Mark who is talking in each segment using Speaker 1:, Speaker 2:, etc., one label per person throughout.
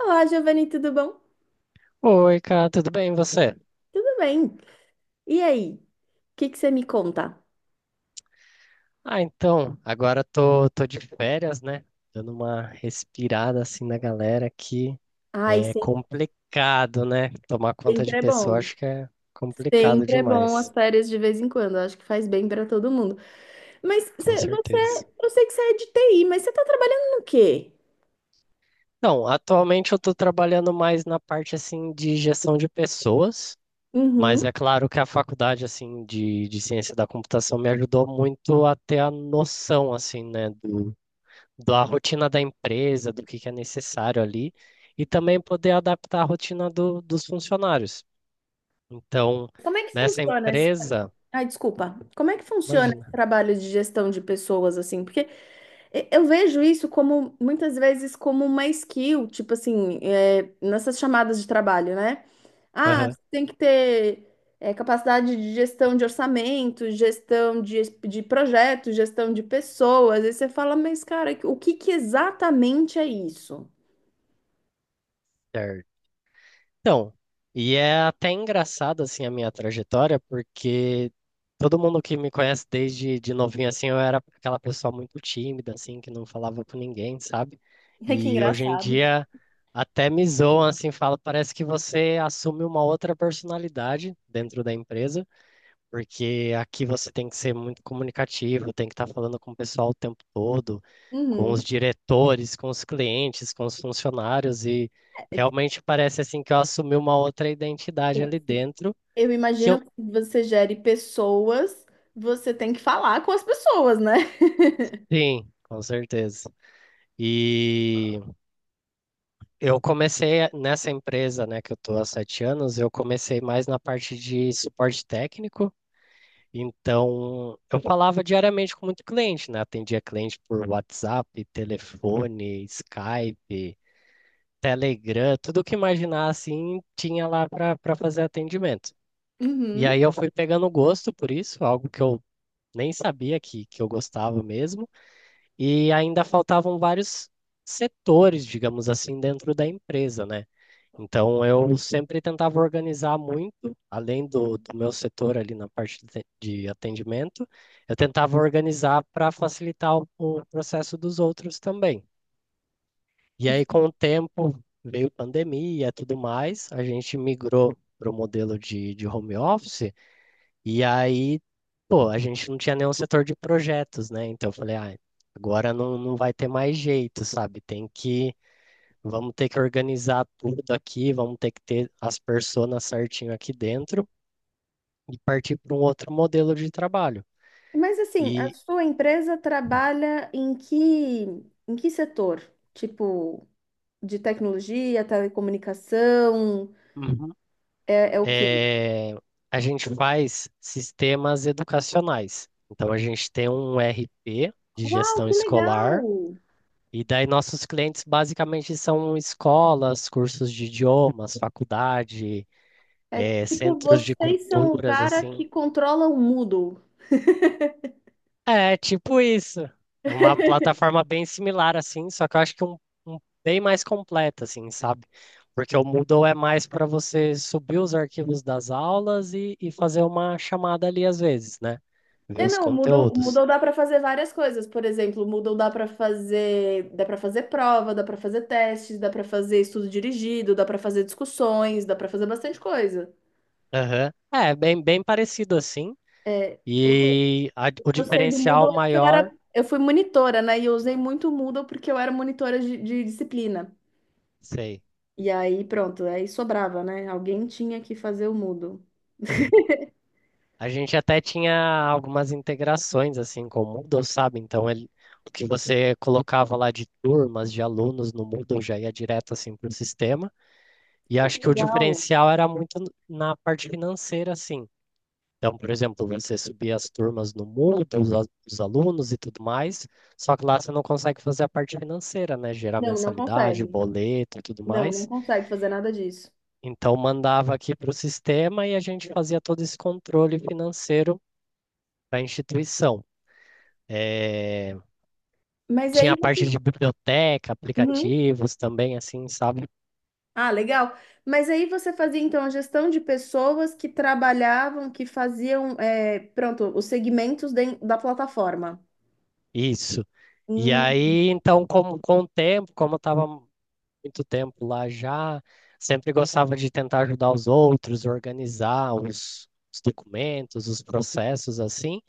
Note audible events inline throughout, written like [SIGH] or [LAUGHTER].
Speaker 1: Olá, Giovanni, tudo bom?
Speaker 2: Oi, cara, tudo bem e você?
Speaker 1: Tudo bem. E aí, o que que você me conta?
Speaker 2: Ah, então, agora tô de férias, né? Dando uma respirada assim na galera que
Speaker 1: Ai,
Speaker 2: é
Speaker 1: sem-
Speaker 2: complicado, né? Tomar conta de
Speaker 1: Sempre é
Speaker 2: pessoa
Speaker 1: bom.
Speaker 2: acho que é complicado
Speaker 1: Sempre é bom
Speaker 2: demais,
Speaker 1: as férias de vez em quando. Acho que faz bem para todo mundo. Mas
Speaker 2: com certeza.
Speaker 1: eu sei que você é de TI, mas você está trabalhando no quê?
Speaker 2: Então, atualmente eu tô trabalhando mais na parte assim de gestão de pessoas, mas
Speaker 1: Uhum.
Speaker 2: é claro que a faculdade assim de ciência da computação me ajudou muito a ter a noção assim, né, da rotina da empresa, do que é necessário ali, e também poder adaptar a rotina dos funcionários. Então,
Speaker 1: Como é que
Speaker 2: nessa
Speaker 1: funciona esse...
Speaker 2: empresa,
Speaker 1: Ai, desculpa. Como é que funciona esse
Speaker 2: imagina.
Speaker 1: trabalho de gestão de pessoas assim? Porque Eu vejo isso como muitas vezes como uma skill, tipo assim, nessas chamadas de trabalho, né? Ah,
Speaker 2: Aham,
Speaker 1: você tem que ter capacidade de gestão de orçamento, de projetos, gestão de pessoas. E você fala, mas cara, o que que exatamente é isso?
Speaker 2: certo. Então, e é até engraçado assim a minha trajetória, porque todo mundo que me conhece desde de novinho assim, eu era aquela pessoa muito tímida assim, que não falava com ninguém, sabe?
Speaker 1: [LAUGHS] Que
Speaker 2: E hoje em
Speaker 1: engraçado.
Speaker 2: dia até me zoam assim, fala, parece que você assume uma outra personalidade dentro da empresa. Porque aqui você tem que ser muito comunicativo, tem que estar falando com o pessoal o tempo todo, com os
Speaker 1: Uhum.
Speaker 2: diretores, com os clientes, com os funcionários, e realmente parece assim que eu assumi uma outra identidade ali dentro,
Speaker 1: Eu
Speaker 2: que
Speaker 1: imagino
Speaker 2: eu,
Speaker 1: que você gere pessoas, você tem que falar com as pessoas, né?
Speaker 2: sim, com certeza. E eu comecei nessa empresa, né, que eu estou há 7 anos, eu comecei mais na parte de suporte técnico. Então, eu falava diariamente com muito cliente, né? Atendia cliente por WhatsApp, telefone, Skype, Telegram, tudo que imaginar assim tinha lá para fazer atendimento. E aí
Speaker 1: Uhum.
Speaker 2: eu fui pegando gosto por isso, algo que eu nem sabia que eu gostava mesmo. E ainda faltavam vários setores, digamos assim, dentro da empresa, né? Então, eu sempre tentava organizar muito, além do meu setor ali na parte de atendimento, eu tentava organizar para facilitar o processo dos outros também. E aí, com o tempo, veio pandemia e tudo mais, a gente migrou para o modelo de home office, e aí, pô, a gente não tinha nenhum setor de projetos, né? Então, eu falei, ah, agora não vai ter mais jeito, sabe? Tem que vamos ter que organizar tudo aqui, vamos ter que ter as personas certinho aqui dentro e partir para um outro modelo de trabalho.
Speaker 1: Mas assim, a
Speaker 2: E
Speaker 1: sua empresa trabalha em que setor? Tipo, de tecnologia, telecomunicação,
Speaker 2: uhum.
Speaker 1: é o quê?
Speaker 2: eh, a gente faz sistemas educacionais. Então, a gente tem um RP de
Speaker 1: Uau,
Speaker 2: gestão
Speaker 1: que
Speaker 2: escolar,
Speaker 1: legal!
Speaker 2: e daí nossos clientes basicamente são escolas, cursos de idiomas, faculdade,
Speaker 1: É tipo,
Speaker 2: centros de
Speaker 1: vocês são o
Speaker 2: culturas,
Speaker 1: cara
Speaker 2: assim.
Speaker 1: que controla o Moodle.
Speaker 2: É, tipo isso. É uma plataforma bem similar, assim, só que eu acho que um bem mais completa, assim, sabe? Porque o Moodle é mais para você subir os arquivos das aulas e fazer uma chamada ali às vezes, né? Ver os
Speaker 1: Não, o
Speaker 2: conteúdos.
Speaker 1: Moodle dá para fazer várias coisas. Por exemplo, o Moodle dá para fazer prova, dá para fazer testes, dá para fazer estudo dirigido, dá para fazer discussões, dá para fazer bastante coisa.
Speaker 2: Aham. É, bem, bem parecido assim. E o
Speaker 1: Eu sei do
Speaker 2: diferencial
Speaker 1: Moodle é porque
Speaker 2: maior,
Speaker 1: eu fui monitora, né? E eu usei muito o Moodle porque eu era monitora de disciplina.
Speaker 2: sei.
Speaker 1: E aí, pronto, aí sobrava, né? Alguém tinha que fazer o Moodle.
Speaker 2: A gente até tinha algumas integrações assim com o Moodle, sabe? Então ele, o que você colocava lá de turmas, de alunos no Moodle já ia direto assim para o sistema. E
Speaker 1: Ah, que
Speaker 2: acho que o
Speaker 1: legal.
Speaker 2: diferencial era muito na parte financeira, assim. Então, por exemplo, você subia as turmas no Moodle, os, os alunos e tudo mais, só que lá você não consegue fazer a parte financeira, né? Gerar
Speaker 1: Não, não
Speaker 2: mensalidade,
Speaker 1: consegue.
Speaker 2: boleto e tudo
Speaker 1: Não, não
Speaker 2: mais.
Speaker 1: consegue fazer nada disso.
Speaker 2: Então, mandava aqui para o sistema e a gente fazia todo esse controle financeiro para a instituição. É,
Speaker 1: Mas
Speaker 2: tinha
Speaker 1: aí
Speaker 2: a parte
Speaker 1: você.
Speaker 2: de biblioteca,
Speaker 1: Uhum.
Speaker 2: aplicativos também, assim, sabe?
Speaker 1: Ah, legal. Mas aí você fazia, então, a gestão de pessoas que trabalhavam, que faziam, pronto, os segmentos da plataforma.
Speaker 2: Isso. E
Speaker 1: Hum,
Speaker 2: aí, então, com o tempo, como eu estava muito tempo lá já, sempre gostava de tentar ajudar os outros, organizar os documentos, os processos, assim.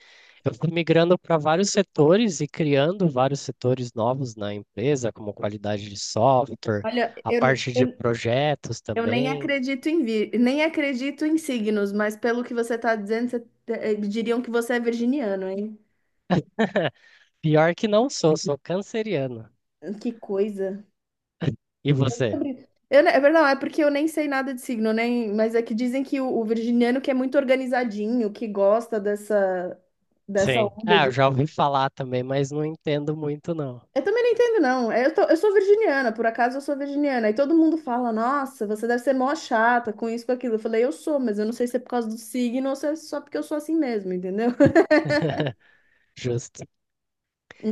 Speaker 2: Eu fui migrando para vários setores e criando vários setores novos na empresa, como qualidade de software,
Speaker 1: olha,
Speaker 2: a
Speaker 1: eu,
Speaker 2: parte de
Speaker 1: eu
Speaker 2: projetos
Speaker 1: eu nem
Speaker 2: também.
Speaker 1: acredito em nem acredito em signos, mas pelo que você está dizendo, diriam que você é virginiano, hein?
Speaker 2: Pior que não sou, sou canceriano.
Speaker 1: Que coisa.
Speaker 2: E você?
Speaker 1: É verdade, é porque eu nem sei nada de signo, nem, mas é que dizem que o virginiano que é muito organizadinho, que gosta dessa, dessa
Speaker 2: Sim.
Speaker 1: onda
Speaker 2: Ah, eu
Speaker 1: de.
Speaker 2: já ouvi falar também, mas não entendo muito, não.
Speaker 1: Eu também não entendo, não. É, eu sou virginiana, por acaso eu sou virginiana. E todo mundo fala, nossa, você deve ser mó chata com isso, com aquilo. Eu falei, eu sou, mas eu não sei se é por causa do signo ou se é só porque eu sou assim mesmo, entendeu?
Speaker 2: [LAUGHS] Justo.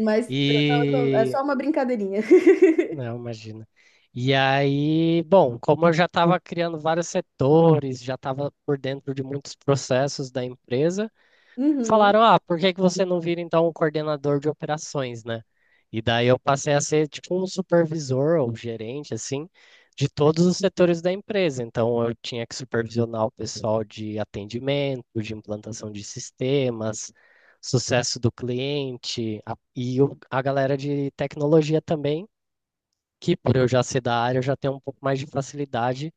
Speaker 1: Mas não, é
Speaker 2: E.
Speaker 1: só uma brincadeirinha. [LAUGHS]
Speaker 2: Não, imagina. E aí, bom, como eu já estava criando vários setores, já estava por dentro de muitos processos da empresa,
Speaker 1: Uhum.
Speaker 2: falaram, ah, por que que você não vira então um coordenador de operações, né? E daí eu passei a ser tipo um supervisor ou gerente, assim, de todos os setores da empresa. Então eu tinha que supervisionar o pessoal de atendimento, de implantação de sistemas, sucesso do cliente e a galera de tecnologia também, que por eu já ser da área, eu já tenho um pouco mais de facilidade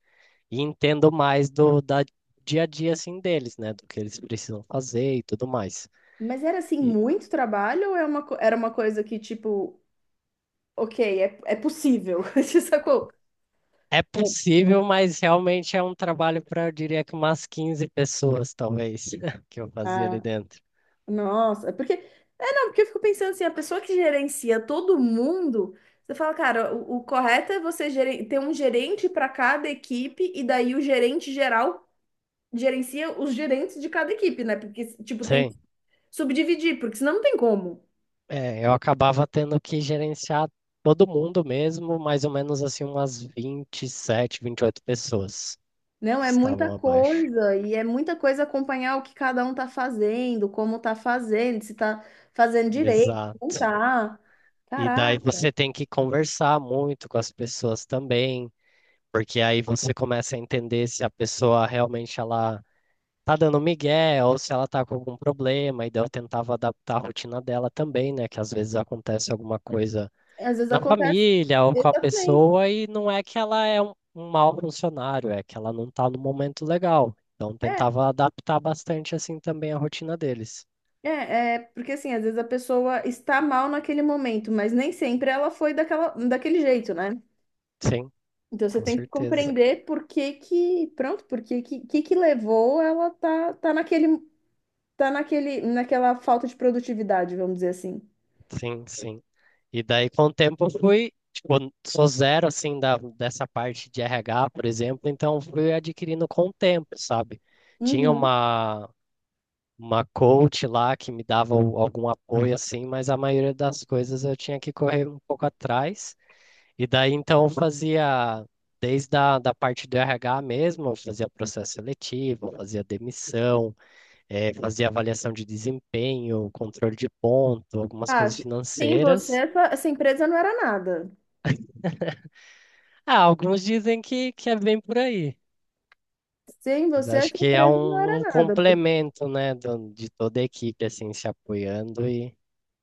Speaker 2: e entendo mais do da dia a dia assim deles, né, do que eles precisam fazer e tudo mais.
Speaker 1: Mas era assim,
Speaker 2: E
Speaker 1: muito trabalho ou é era uma coisa que, tipo, ok, é possível? [LAUGHS] Você sacou?
Speaker 2: é possível, mas realmente é um trabalho para, eu diria que umas 15 pessoas, talvez, [LAUGHS] que eu fazia ali
Speaker 1: Ah,
Speaker 2: dentro.
Speaker 1: nossa, é porque. É, não, porque eu fico pensando assim, a pessoa que gerencia todo mundo, você fala, cara, o correto é você ter um gerente para cada equipe e daí o gerente geral gerencia os gerentes de cada equipe, né? Porque, tipo, tem
Speaker 2: Sim,
Speaker 1: que subdividir, porque senão não tem como.
Speaker 2: é, eu acabava tendo que gerenciar todo mundo mesmo, mais ou menos assim, umas 27, oito pessoas
Speaker 1: Não,
Speaker 2: que
Speaker 1: é muita
Speaker 2: estavam abaixo.
Speaker 1: coisa, e é muita coisa acompanhar o que cada um tá fazendo, como tá fazendo, se tá fazendo direito, se não
Speaker 2: Exato.
Speaker 1: tá.
Speaker 2: E daí
Speaker 1: Caraca,
Speaker 2: você tem que conversar muito com as pessoas também, porque aí você começa a entender se a pessoa realmente ela tá dando migué, ou se ela tá com algum problema, e daí eu tentava adaptar a rotina dela também, né? Que às vezes acontece alguma coisa
Speaker 1: às vezes
Speaker 2: na
Speaker 1: acontece.
Speaker 2: família ou com a
Speaker 1: Exatamente.
Speaker 2: pessoa, e não é que ela é um, um mau funcionário, é que ela não tá no momento legal. Então
Speaker 1: É,
Speaker 2: tentava adaptar bastante assim também a rotina deles.
Speaker 1: porque assim, às vezes a pessoa está mal naquele momento, mas nem sempre ela foi daquela, daquele jeito, né?
Speaker 2: Sim,
Speaker 1: Então você
Speaker 2: com
Speaker 1: tem que
Speaker 2: certeza.
Speaker 1: compreender pronto, que levou ela tá tá naquele, naquela falta de produtividade, vamos dizer assim.
Speaker 2: Sim, sim. E daí com o tempo eu fui, tipo, sou zero assim dessa parte de RH, por exemplo, então fui adquirindo com o tempo, sabe? Tinha
Speaker 1: Uhum.
Speaker 2: uma coach lá que me dava algum apoio assim, mas a maioria das coisas eu tinha que correr um pouco atrás. E daí então eu fazia desde a da parte do RH mesmo, eu fazia processo seletivo, eu fazia demissão, fazia avaliação de desempenho, controle de ponto, algumas coisas
Speaker 1: Ah, sem você,
Speaker 2: financeiras.
Speaker 1: essa empresa não era nada.
Speaker 2: Ah, alguns dizem que é bem por aí.
Speaker 1: Sem
Speaker 2: Mas
Speaker 1: você,
Speaker 2: acho
Speaker 1: essa
Speaker 2: que é
Speaker 1: empresa não
Speaker 2: um,
Speaker 1: era
Speaker 2: um
Speaker 1: nada.
Speaker 2: complemento, né, de toda a equipe, assim, se apoiando e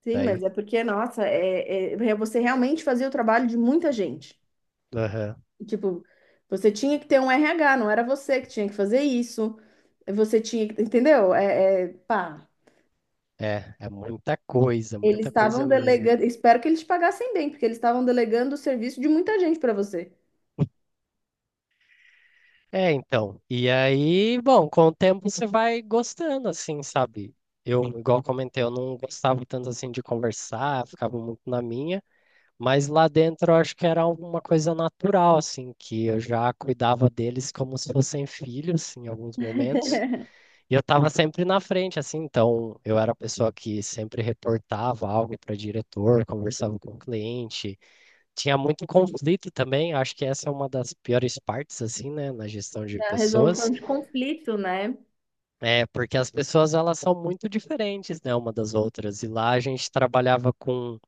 Speaker 1: Sim, mas
Speaker 2: daí.
Speaker 1: é porque, nossa, é você realmente fazia o trabalho de muita gente.
Speaker 2: Aham.
Speaker 1: Tipo, você tinha que ter um RH, não era você que tinha que fazer isso. Você tinha que, entendeu? Pá,
Speaker 2: É, é
Speaker 1: eles
Speaker 2: muita coisa
Speaker 1: estavam
Speaker 2: mesmo.
Speaker 1: delegando. Espero que eles te pagassem bem, porque eles estavam delegando o serviço de muita gente para você.
Speaker 2: É, então. E aí, bom, com o tempo você vai gostando, assim, sabe? Eu, igual comentei, eu não gostava tanto assim de conversar, ficava muito na minha, mas lá dentro eu acho que era alguma coisa natural, assim, que eu já cuidava deles como se fossem filhos, assim, em alguns momentos, e eu tava sempre na frente, assim, então eu era a pessoa que sempre reportava algo para diretor, conversava com o cliente. Tinha muito conflito também, acho que essa é uma das piores partes, assim, né, na gestão de
Speaker 1: Da resolução
Speaker 2: pessoas,
Speaker 1: de conflito, né?
Speaker 2: é porque as pessoas, elas são muito diferentes, né, uma das outras, e lá a gente trabalhava com,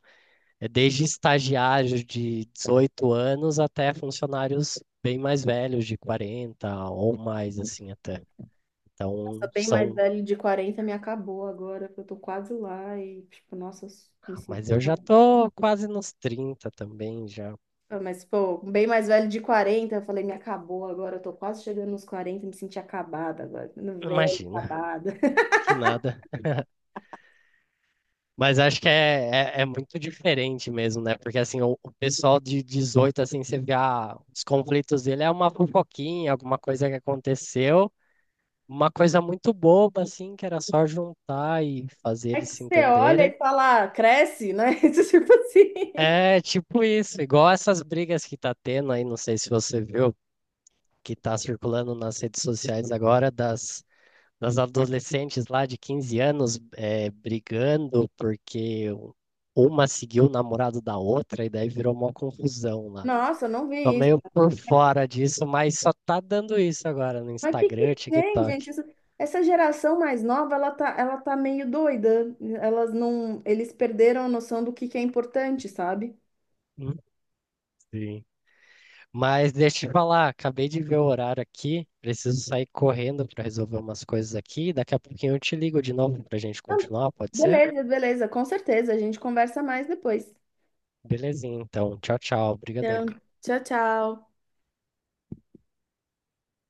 Speaker 2: desde estagiários de 18 anos até funcionários bem mais velhos, de 40 ou mais, assim, até. Então,
Speaker 1: Nossa, bem mais
Speaker 2: são,
Speaker 1: velho de 40 me acabou agora, que eu tô quase lá e, tipo, nossa, eu me sinto
Speaker 2: mas eu já
Speaker 1: mais...
Speaker 2: tô quase nos 30 também, já,
Speaker 1: Ah, mas, pô, bem mais velho de 40 eu falei, me acabou agora, eu tô quase chegando nos quarenta, me senti acabada agora, ficando velha,
Speaker 2: imagina,
Speaker 1: acabada. [LAUGHS]
Speaker 2: que nada. Mas acho que é, é, é muito diferente mesmo, né? Porque assim, o pessoal de 18 assim, você vê ah, os conflitos dele é uma fofoquinha, alguma coisa que aconteceu, uma coisa muito boba, assim, que era só juntar e fazer
Speaker 1: É
Speaker 2: eles
Speaker 1: que
Speaker 2: se
Speaker 1: você olha
Speaker 2: entenderem.
Speaker 1: e fala, "Ah, cresce, né?" [LAUGHS] Isso, tipo assim,
Speaker 2: É tipo isso, igual essas brigas que tá tendo aí, não sei se você viu, que tá circulando nas redes sociais agora, das adolescentes lá de 15 anos brigando porque uma seguiu o namorado da outra e daí virou uma confusão lá.
Speaker 1: nossa, eu não
Speaker 2: Tô
Speaker 1: vi isso.
Speaker 2: meio por fora disso, mas só tá dando isso agora no
Speaker 1: Mas o que
Speaker 2: Instagram,
Speaker 1: que tem,
Speaker 2: TikTok.
Speaker 1: gente? Essa geração mais nova, ela tá meio doida. Elas não, eles perderam a noção do que é importante, sabe?
Speaker 2: Hum, Sim. Mas deixa eu te falar, acabei de ver o horário aqui, preciso sair correndo para resolver umas coisas aqui. Daqui a pouquinho eu te ligo de novo pra gente
Speaker 1: Então,
Speaker 2: continuar, pode ser?
Speaker 1: beleza, beleza, com certeza. A gente conversa mais depois.
Speaker 2: Belezinha, então. Tchau, tchau. Obrigadão.
Speaker 1: Então, tchau, tchau.